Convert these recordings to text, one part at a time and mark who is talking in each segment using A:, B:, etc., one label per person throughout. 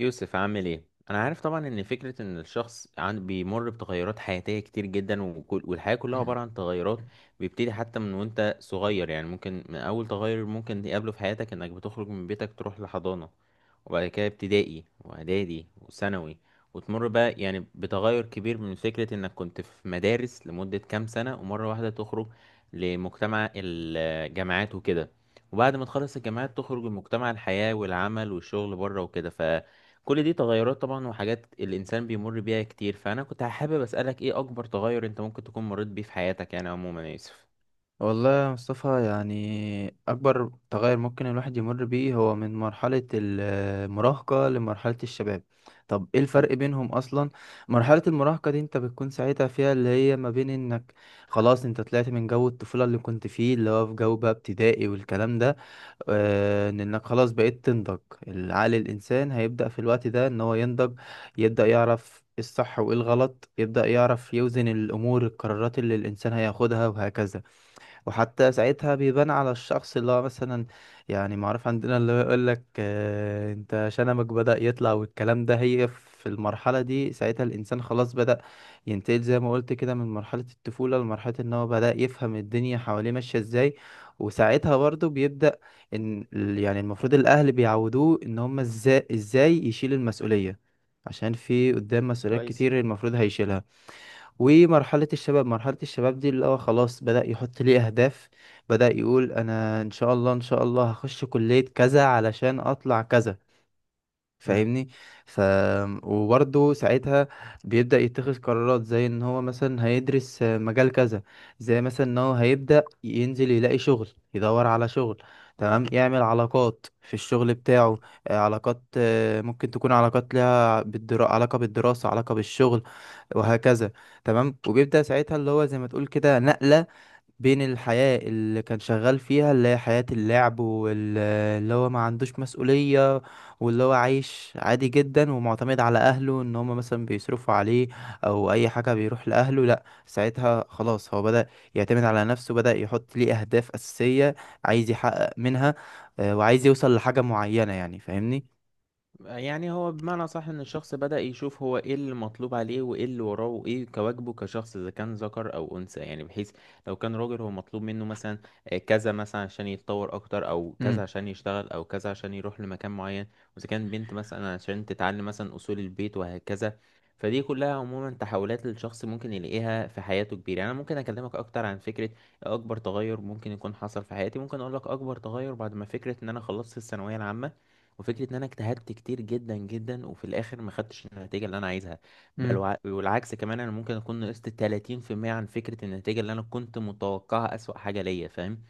A: يوسف، عامل ايه؟ انا عارف طبعا ان فكرة ان الشخص عن بيمر بتغيرات حياتية كتير جدا، وكل والحياة كلها عبارة عن تغيرات. بيبتدي حتى من وانت صغير، يعني ممكن من اول تغير ممكن تقابله في حياتك انك بتخرج من بيتك تروح لحضانة، وبعد كده ابتدائي واعدادي وثانوي، وتمر بقى يعني بتغير كبير من فكرة انك كنت في مدارس لمدة كام سنة ومرة واحدة تخرج لمجتمع الجامعات وكده. وبعد ما تخلص الجامعات تخرج لمجتمع الحياة والعمل والشغل بره وكده، ف كل دي تغيرات طبعا وحاجات الإنسان بيمر بيها كتير. فأنا كنت حابب أسألك إيه أكبر تغير أنت ممكن تكون مريت بيه في حياتك يعني عموما يا يوسف؟
B: والله يا مصطفى، يعني أكبر تغير ممكن الواحد يمر بيه هو من مرحلة المراهقة لمرحلة الشباب. طب ايه الفرق
A: حلو.
B: بينهم أصلا؟ مرحلة المراهقة دي انت بتكون ساعتها فيها اللي هي ما بين انك خلاص انت طلعت من جو الطفولة اللي كنت فيه، اللي هو في جو بقى ابتدائي والكلام ده. ان انك خلاص بقيت تنضج. العقل الإنسان هيبدأ في الوقت ده ان هو ينضج، يبدأ يعرف إيه الصح وايه الغلط، يبدأ يعرف يوزن الأمور، القرارات اللي الإنسان هياخدها وهكذا. وحتى ساعتها بيبان على الشخص اللي هو مثلا، يعني معروف عندنا اللي هو يقول لك انت شنمك بدأ يطلع والكلام ده. هي في المرحلة دي ساعتها الإنسان خلاص بدأ ينتقل زي ما قلت كده من مرحلة الطفولة لمرحلة إن هو بدأ يفهم الدنيا حواليه ماشية إزاي. وساعتها برضه بيبدأ يعني المفروض الأهل بيعودوه إن هما إزاي يشيل المسؤولية، عشان في قدام مسؤوليات
A: كويس.
B: كتير المفروض هيشيلها. ومرحلة الشباب، مرحلة الشباب دي اللي هو خلاص بدأ يحط لي أهداف، بدأ يقول أنا إن شاء الله، إن شاء الله هخش كلية كذا علشان أطلع كذا. فاهمني؟ ف وبرضه ساعتها بيبدأ يتخذ قرارات زي ان هو مثلا هيدرس مجال كذا، زي مثلا ان هو هيبدأ ينزل يلاقي شغل، يدور على شغل. تمام، يعمل علاقات في الشغل بتاعه، علاقات، ممكن تكون علاقات لها علاقة بالدراسة، علاقة بالشغل وهكذا. تمام، وبيبدأ ساعتها اللي هو زي ما تقول كده نقلة بين الحياة اللي كان شغال فيها اللي هي حياة اللعب واللي هو ما عندوش مسؤولية، واللي هو عايش عادي جدا ومعتمد على اهله ان هم مثلا بيصرفوا عليه او اي حاجه بيروح لاهله. لا، ساعتها خلاص هو بدأ يعتمد على نفسه، بدأ يحط ليه اهداف اساسيه عايز يحقق منها. وعايز يوصل لحاجه معينه، يعني فاهمني؟
A: يعني هو بمعنى صح ان الشخص بدأ يشوف هو ايه اللي مطلوب عليه وايه اللي وراه وايه كواجبه كشخص اذا كان ذكر او انثى، يعني بحيث لو كان راجل هو مطلوب منه مثلا كذا مثلا عشان يتطور اكتر، او كذا
B: امم
A: عشان يشتغل، او كذا عشان يروح لمكان معين. واذا كان بنت مثلا عشان تتعلم مثلا اصول البيت وهكذا. فدي كلها عموما تحولات الشخص ممكن يلاقيها في حياته كبيرة. يعني انا ممكن اكلمك اكتر عن فكرة اكبر تغير ممكن يكون حصل في حياتي. ممكن اقول لك اكبر تغير بعد ما فكرة ان انا خلصت الثانوية العامة، وفكره ان انا اجتهدت كتير جدا جدا، وفي الاخر ما خدتش النتيجه اللي انا عايزها. بل
B: امم
A: والعكس كمان انا ممكن اكون نقصت 30% عن فكره النتيجه اللي انا كنت متوقعها، اسوأ حاجه ليا، فاهم؟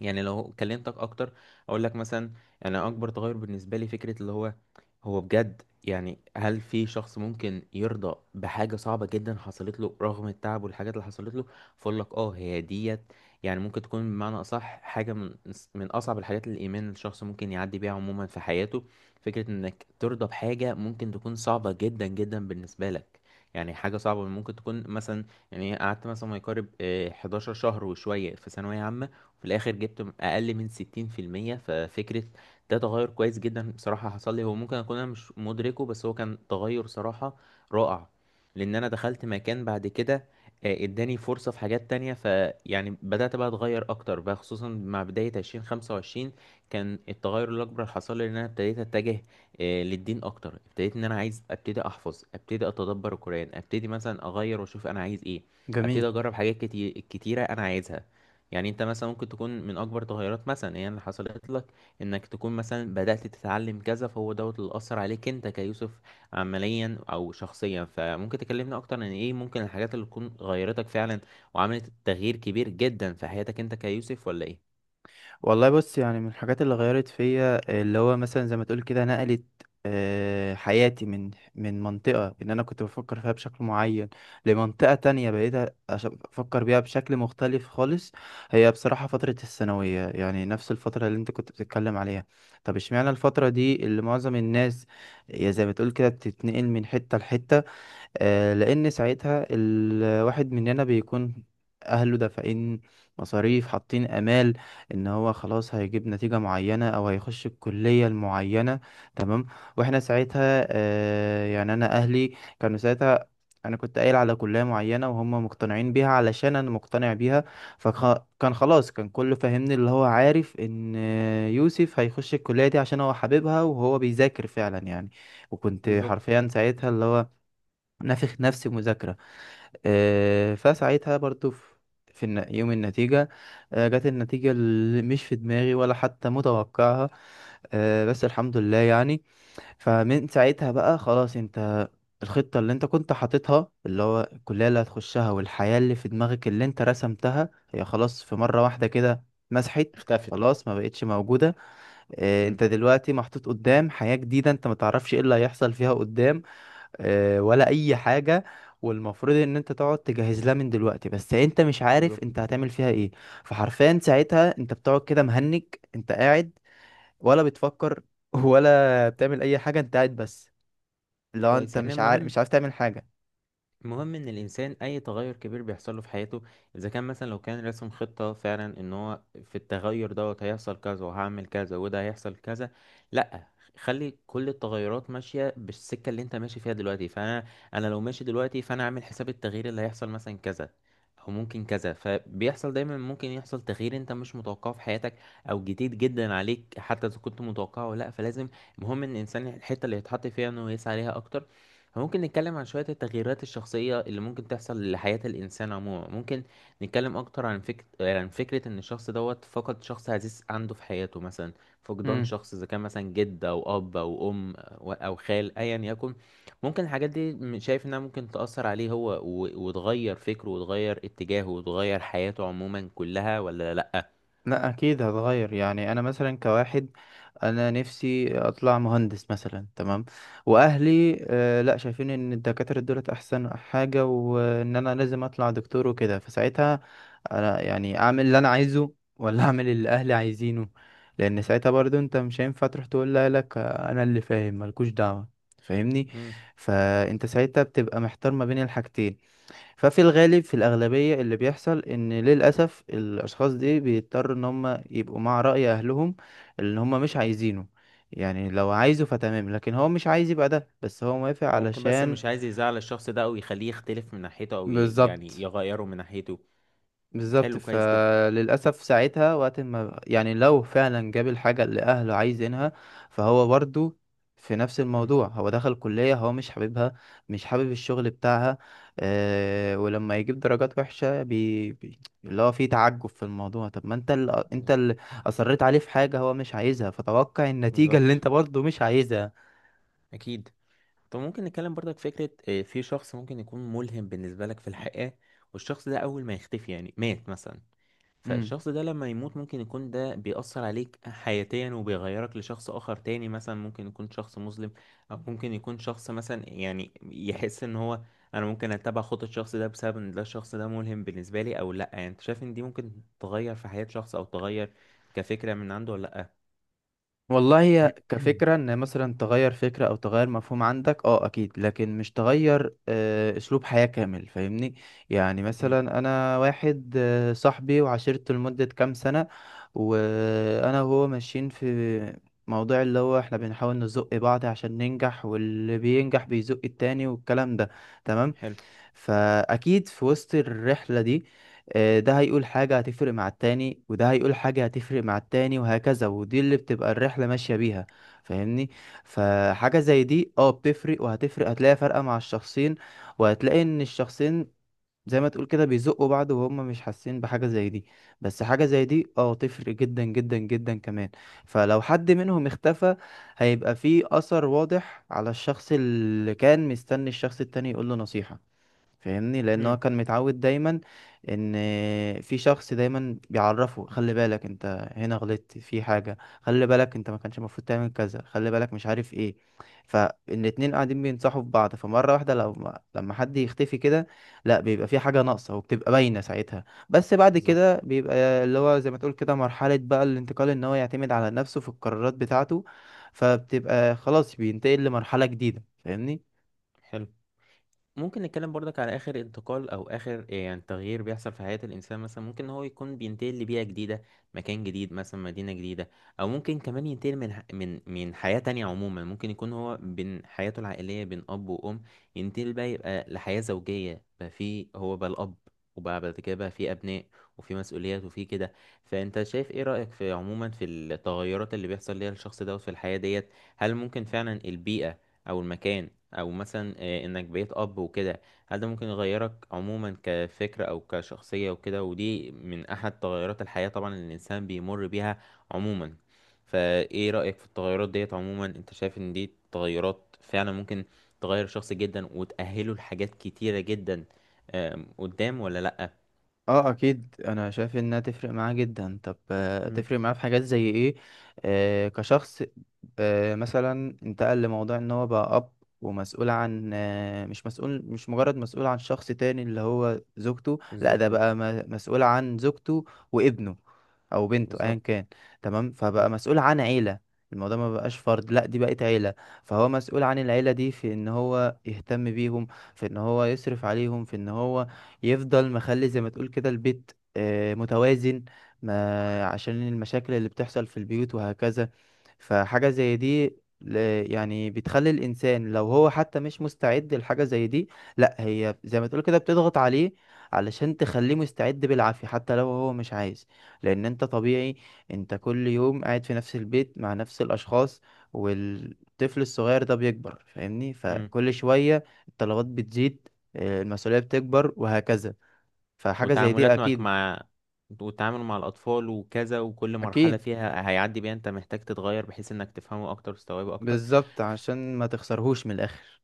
A: يعني لو كلمتك اكتر، اقول لك مثلا، انا اكبر تغير بالنسبه لي فكره اللي هو هو بجد، يعني هل في شخص ممكن يرضى بحاجه صعبه جدا حصلت له رغم التعب والحاجات اللي حصلت له؟ فاقول لك اه، هي ديت. يعني ممكن تكون بمعنى اصح حاجه من اصعب الحاجات اللي الايمان الشخص ممكن يعدي بيها عموما في حياته. فكره انك ترضى بحاجه ممكن تكون صعبه جدا جدا بالنسبه لك. يعني حاجه صعبه ممكن تكون مثلا، يعني قعدت مثلا ما يقارب 11 شهر وشويه في ثانويه عامه، وفي الاخر جبت اقل من 60%. ففكرة، ده تغير كويس جدا بصراحة حصل لي، هو ممكن اكون انا مش مدركه بس هو كان تغير صراحة رائع. لان انا دخلت مكان بعد كده اداني فرصة في حاجات تانية. فيعني بدأت بقى اتغير اكتر بقى، خصوصا مع بداية 2025 كان التغير الأكبر اللي حصل لي إن أنا ابتديت أتجه للدين أكتر. ابتديت إن أنا عايز أبتدي أحفظ، أبتدي أتدبر القرآن، أبتدي مثلا أغير وأشوف أنا عايز إيه، أبتدي
B: جميل.
A: أجرب حاجات كتير كتيرة أنا عايزها. يعني انت مثلا ممكن تكون من اكبر تغيرات مثلا هي اللي حصلت لك انك تكون مثلا بدأت تتعلم كذا، فهو دوت اللي اثر عليك انت كيوسف عمليا او شخصيا. فممكن تكلمنا اكتر عن ايه ممكن الحاجات اللي تكون غيرتك فعلا وعملت تغيير كبير جدا في حياتك انت كيوسف، ولا ايه؟
B: والله بص، يعني من الحاجات اللي غيرت فيا اللي هو مثلا زي ما تقول كده نقلت حياتي من منطقة ان انا كنت بفكر فيها بشكل معين لمنطقة تانية بقيت افكر بيها بشكل مختلف خالص. هي بصراحة فترة الثانوية، يعني نفس الفترة اللي انت كنت بتتكلم عليها. طب اشمعنى الفترة دي اللي معظم الناس يا زي ما تقول كده بتتنقل من حتة لحتة؟ لأن ساعتها الواحد مننا بيكون أهله دافعين مصاريف، حاطين آمال إن هو خلاص هيجيب نتيجة معينة أو هيخش الكلية المعينة. تمام، وإحنا ساعتها، يعني أنا أهلي كانوا ساعتها، أنا كنت قايل على كلية معينة وهم مقتنعين بيها علشان أنا مقتنع بيها. فكان خلاص، كان كله فاهمني اللي هو عارف إن يوسف هيخش الكلية دي عشان هو حاببها وهو بيذاكر فعلا يعني. وكنت
A: بالظبط.
B: حرفيا ساعتها اللي هو نافخ نفسي مذاكرة. فساعتها برضو في يوم النتيجة، جت النتيجة اللي مش في دماغي ولا حتى متوقعها. بس الحمد لله يعني. فمن ساعتها بقى خلاص، انت الخطة اللي انت كنت حاططها اللي هو الكلية اللي هتخشها والحياة اللي في دماغك اللي انت رسمتها هي خلاص في مرة واحدة كده مسحت،
A: اختفت.
B: خلاص ما بقتش موجودة.
A: مم.
B: انت دلوقتي محطوط قدام حياة جديدة، انت ما تعرفش ايه اللي هيحصل فيها قدام، ولا اي حاجه. والمفروض ان انت تقعد تجهز لها من دلوقتي، بس انت مش عارف
A: بالظبط.
B: انت هتعمل فيها ايه. فحرفيا ساعتها انت بتقعد كده مهنج، انت قاعد ولا بتفكر ولا بتعمل اي حاجه، انت قاعد بس، لو
A: كويس.
B: انت
A: يعني
B: مش عارف،
A: المهم،
B: مش عارف تعمل حاجه.
A: المهم ان الانسان اي تغير كبير بيحصل له في حياته اذا كان مثلا لو كان رسم خطة فعلا ان هو في التغير دوت هيحصل كذا وهعمل كذا وده هيحصل كذا، لا. خلي كل التغيرات ماشية بالسكة اللي انت ماشي فيها دلوقتي. فانا لو ماشي دلوقتي فانا عامل حساب التغيير اللي هيحصل مثلا كذا او ممكن كذا. فبيحصل دايما ممكن يحصل تغيير انت مش متوقعه في حياتك، او جديد جدا عليك حتى اذا كنت متوقعه ولا لا، فلازم المهم ان الانسان الحتة اللي يتحط فيها انه يسعى ليها اكتر. ممكن نتكلم عن شوية التغييرات الشخصية اللي ممكن تحصل لحياة الإنسان عموما. ممكن نتكلم أكتر عن فكرة عن فكرة إن الشخص دوت فقد شخص عزيز عنده في حياته مثلا، فقدان شخص إذا كان مثلا جد أو أب أو أم أو خال أيا يكن. ممكن الحاجات دي شايف إنها ممكن تأثر عليه هو وتغير فكره وتغير اتجاهه وتغير حياته عموما كلها، ولا لأ؟
B: لا اكيد هتغير، يعني انا مثلا كواحد انا نفسي اطلع مهندس مثلا، تمام، واهلي آه لا شايفين ان دكاتره دولت احسن حاجه وان انا لازم اطلع دكتور وكده. فساعتها انا يعني اعمل اللي انا عايزه ولا اعمل اللي اهلي عايزينه؟ لان ساعتها برضو انت مش هينفع تروح تقول لك انا اللي فاهم ملكوش دعوه، فاهمني؟
A: مم.
B: فانت ساعتها بتبقى محتار ما بين الحاجتين. ففي الغالب في الأغلبية اللي بيحصل إن للأسف الأشخاص دي بيضطروا إن هم يبقوا مع رأي أهلهم اللي هم مش عايزينه. يعني لو عايزه فتمام، لكن هو مش عايز يبقى ده، بس هو موافق
A: هو ممكن بس
B: علشان.
A: مش عايز يزعل الشخص ده أو يخليه يختلف من ناحيته أو يعني
B: بالظبط،
A: يغيره من ناحيته.
B: بالظبط.
A: حلو، كويس جدا.
B: فللأسف ساعتها وقت ما، يعني لو فعلا جاب الحاجة اللي أهله عايزينها، فهو برضو في نفس
A: مم.
B: الموضوع هو دخل كلية هو مش حاببها، مش حابب الشغل بتاعها. أه، ولما يجيب درجات وحشة اللي هو فيه تعجب في الموضوع، طب ما انت اللي، انت اللي أصريت عليه في حاجة هو مش عايزها، فتوقع النتيجة اللي
A: بالظبط.
B: انت برضو مش عايزها.
A: اكيد. طب ممكن نتكلم برضك فكرة في شخص ممكن يكون ملهم بالنسبة لك في الحياة، والشخص ده اول ما يختفي يعني مات مثلا، فالشخص ده لما يموت ممكن يكون ده بيأثر عليك حياتيا وبيغيرك لشخص آخر تاني، مثلا ممكن يكون شخص مسلم أو ممكن يكون شخص مثلا، يعني يحس إن هو أنا ممكن أتبع خطة الشخص ده بسبب إن ده الشخص ده ملهم بالنسبة لي، أو لأ. يعني أنت شايف إن دي ممكن تغير في حياة شخص أو تغير كفكرة من عنده، ولا لأ؟
B: والله هي كفكرة ان مثلا تغير فكرة او تغير مفهوم عندك اه اكيد، لكن مش تغير اسلوب حياة كامل، فاهمني؟ يعني
A: مم.
B: مثلا انا واحد صاحبي وعشرته لمدة كام سنة، وانا وهو ماشيين في موضوع اللي هو احنا بنحاول نزق بعض عشان ننجح، واللي بينجح بيزق التاني والكلام ده، تمام.
A: حلو.
B: فأكيد في وسط الرحلة دي، ده هيقول حاجة هتفرق مع التاني، وده هيقول حاجة هتفرق مع التاني وهكذا، ودي اللي بتبقى الرحلة ماشية بيها، فاهمني؟ فحاجة زي دي اه بتفرق، وهتفرق هتلاقي فرقة مع الشخصين. وهتلاقي ان الشخصين زي ما تقول كده بيزقوا بعض وهم مش حاسين بحاجة زي دي، بس حاجة زي دي اه تفرق جدا جدا جدا كمان. فلو حد منهم اختفى، هيبقى فيه أثر واضح على الشخص اللي كان مستني الشخص التاني يقول له نصيحة، فاهمني؟ لان هو
A: مم.
B: كان متعود دايما ان في شخص دايما بيعرفه خلي بالك انت هنا غلطت في حاجه، خلي بالك انت ما كانش المفروض تعمل كذا، خلي بالك مش عارف ايه. فالاتنين قاعدين بينصحوا في بعض، فمره واحده لو لما حد يختفي كده، لا بيبقى في حاجه ناقصه وبتبقى باينه ساعتها. بس بعد
A: بالظبط.
B: كده بيبقى اللي هو زي ما تقول كده مرحله بقى الانتقال ان هو يعتمد على نفسه في القرارات بتاعته، فبتبقى خلاص بينتقل لمرحله جديده، فاهمني؟
A: حلو. ممكن نتكلم برضك على آخر انتقال أو آخر يعني تغيير بيحصل في حياة الإنسان. مثلا ممكن إن هو يكون بينتقل لبيئة جديدة، مكان جديد، مثلا مدينة جديدة. أو ممكن كمان ينتقل من ح- من من حياة تانية عموما ممكن يكون هو بين حياته العائلية بين أب وأم، ينتقل بقى يبقى لحياة زوجية بقى في هو بقى الأب، وبقى بعد كده بقى في أبناء وفي مسؤوليات وفي كده. فأنت شايف إيه رأيك في عموما في التغيرات اللي بيحصل ليها الشخص دوت في الحياة ديت؟ هل ممكن فعلا البيئة أو المكان او مثلا انك بقيت اب وكده، هل ده ممكن يغيرك عموما كفكرة او كشخصية وكده؟ ودي من احد تغيرات الحياة طبعا اللي الانسان بيمر بيها عموما. فايه رأيك في التغيرات ديت عموما؟ انت شايف ان دي تغيرات فعلا ممكن تغير الشخص جدا وتأهله لحاجات كتيرة جدا قدام، ولا لأ؟
B: اه اكيد انا شايف انها تفرق معاه جدا. طب
A: مم،
B: تفرق معاه في حاجات زي ايه؟ آه كشخص، آه مثلا انتقل لموضوع ان هو بقى اب، ومسؤول عن آه، مش مجرد مسؤول عن شخص تاني اللي هو زوجته، لا
A: بالظبط
B: ده
A: كده.
B: بقى مسؤول عن زوجته وابنه او بنته ايا
A: بالظبط.
B: كان. تمام، فبقى مسؤول عن عيلة. الموضوع ما بقاش فرد، لا دي بقت عيلة. فهو مسؤول عن العيلة دي في ان هو يهتم بيهم، في ان هو يصرف عليهم، في ان هو يفضل مخلي زي ما تقول كده البيت متوازن، ما عشان المشاكل اللي بتحصل في البيوت وهكذا. فحاجة زي دي يعني بتخلي الإنسان لو هو حتى مش مستعد لحاجة زي دي، لا هي زي ما تقول كده بتضغط عليه علشان تخليه مستعد بالعافية حتى لو هو مش عايز. لأن أنت طبيعي، أنت كل يوم قاعد في نفس البيت مع نفس الأشخاص، والطفل الصغير ده بيكبر، فاهمني؟
A: مم،
B: فكل شوية الطلبات بتزيد، المسؤولية بتكبر وهكذا. فحاجة زي دي
A: وتعاملات معك
B: أكيد.
A: مع، والتعامل مع الأطفال وكذا، وكل مرحلة
B: أكيد،
A: فيها هيعدي بيها أنت محتاج تتغير بحيث إنك تفهمه أكتر وتستوعبه أكتر.
B: بالظبط، عشان ما تخسرهوش من الآخر.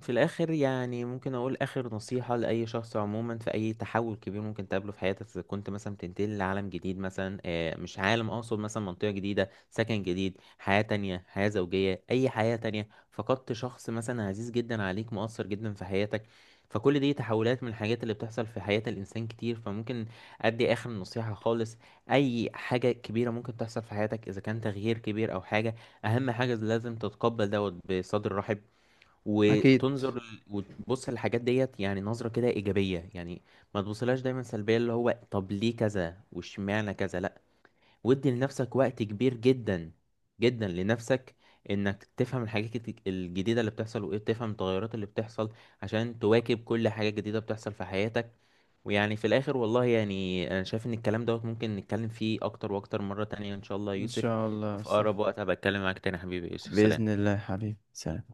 A: في الآخر يعني ممكن أقول آخر نصيحة لأي شخص عموما في أي تحول كبير ممكن تقابله في حياتك. إذا كنت مثلا بتنتقل لعالم جديد، مثلا مش عالم، أقصد مثلا منطقة جديدة، سكن جديد، حياة تانية، حياة زوجية، أي حياة تانية، فقدت شخص مثلا عزيز جدا عليك مؤثر جدا في حياتك، فكل دي تحولات من الحاجات اللي بتحصل في حياة الإنسان كتير. فممكن أدي آخر نصيحة خالص: أي حاجة كبيرة ممكن تحصل في حياتك إذا كان تغيير كبير أو حاجة، أهم حاجة لازم تتقبل دوت بصدر رحب،
B: أكيد.
A: وتبص للحاجات ديت يعني نظرة كده إيجابية، يعني ما تبصلهاش دايما سلبية اللي هو طب ليه كذا واشمعنى كذا، لأ. وادي لنفسك وقت كبير جدا جدا لنفسك انك تفهم الحاجات الجديدة اللي بتحصل، وايه تفهم التغيرات اللي بتحصل عشان تواكب كل حاجة جديدة بتحصل في حياتك. ويعني في الاخر والله، يعني انا شايف ان الكلام دوت ممكن نتكلم فيه اكتر واكتر مرة تانية ان شاء الله يا
B: إن
A: يوسف.
B: شاء الله يا
A: في
B: مصطفى.
A: اقرب وقت هبقى اتكلم معاك تاني يا حبيبي يا يوسف،
B: بإذن
A: سلام.
B: الله يا حبيبي، سلام.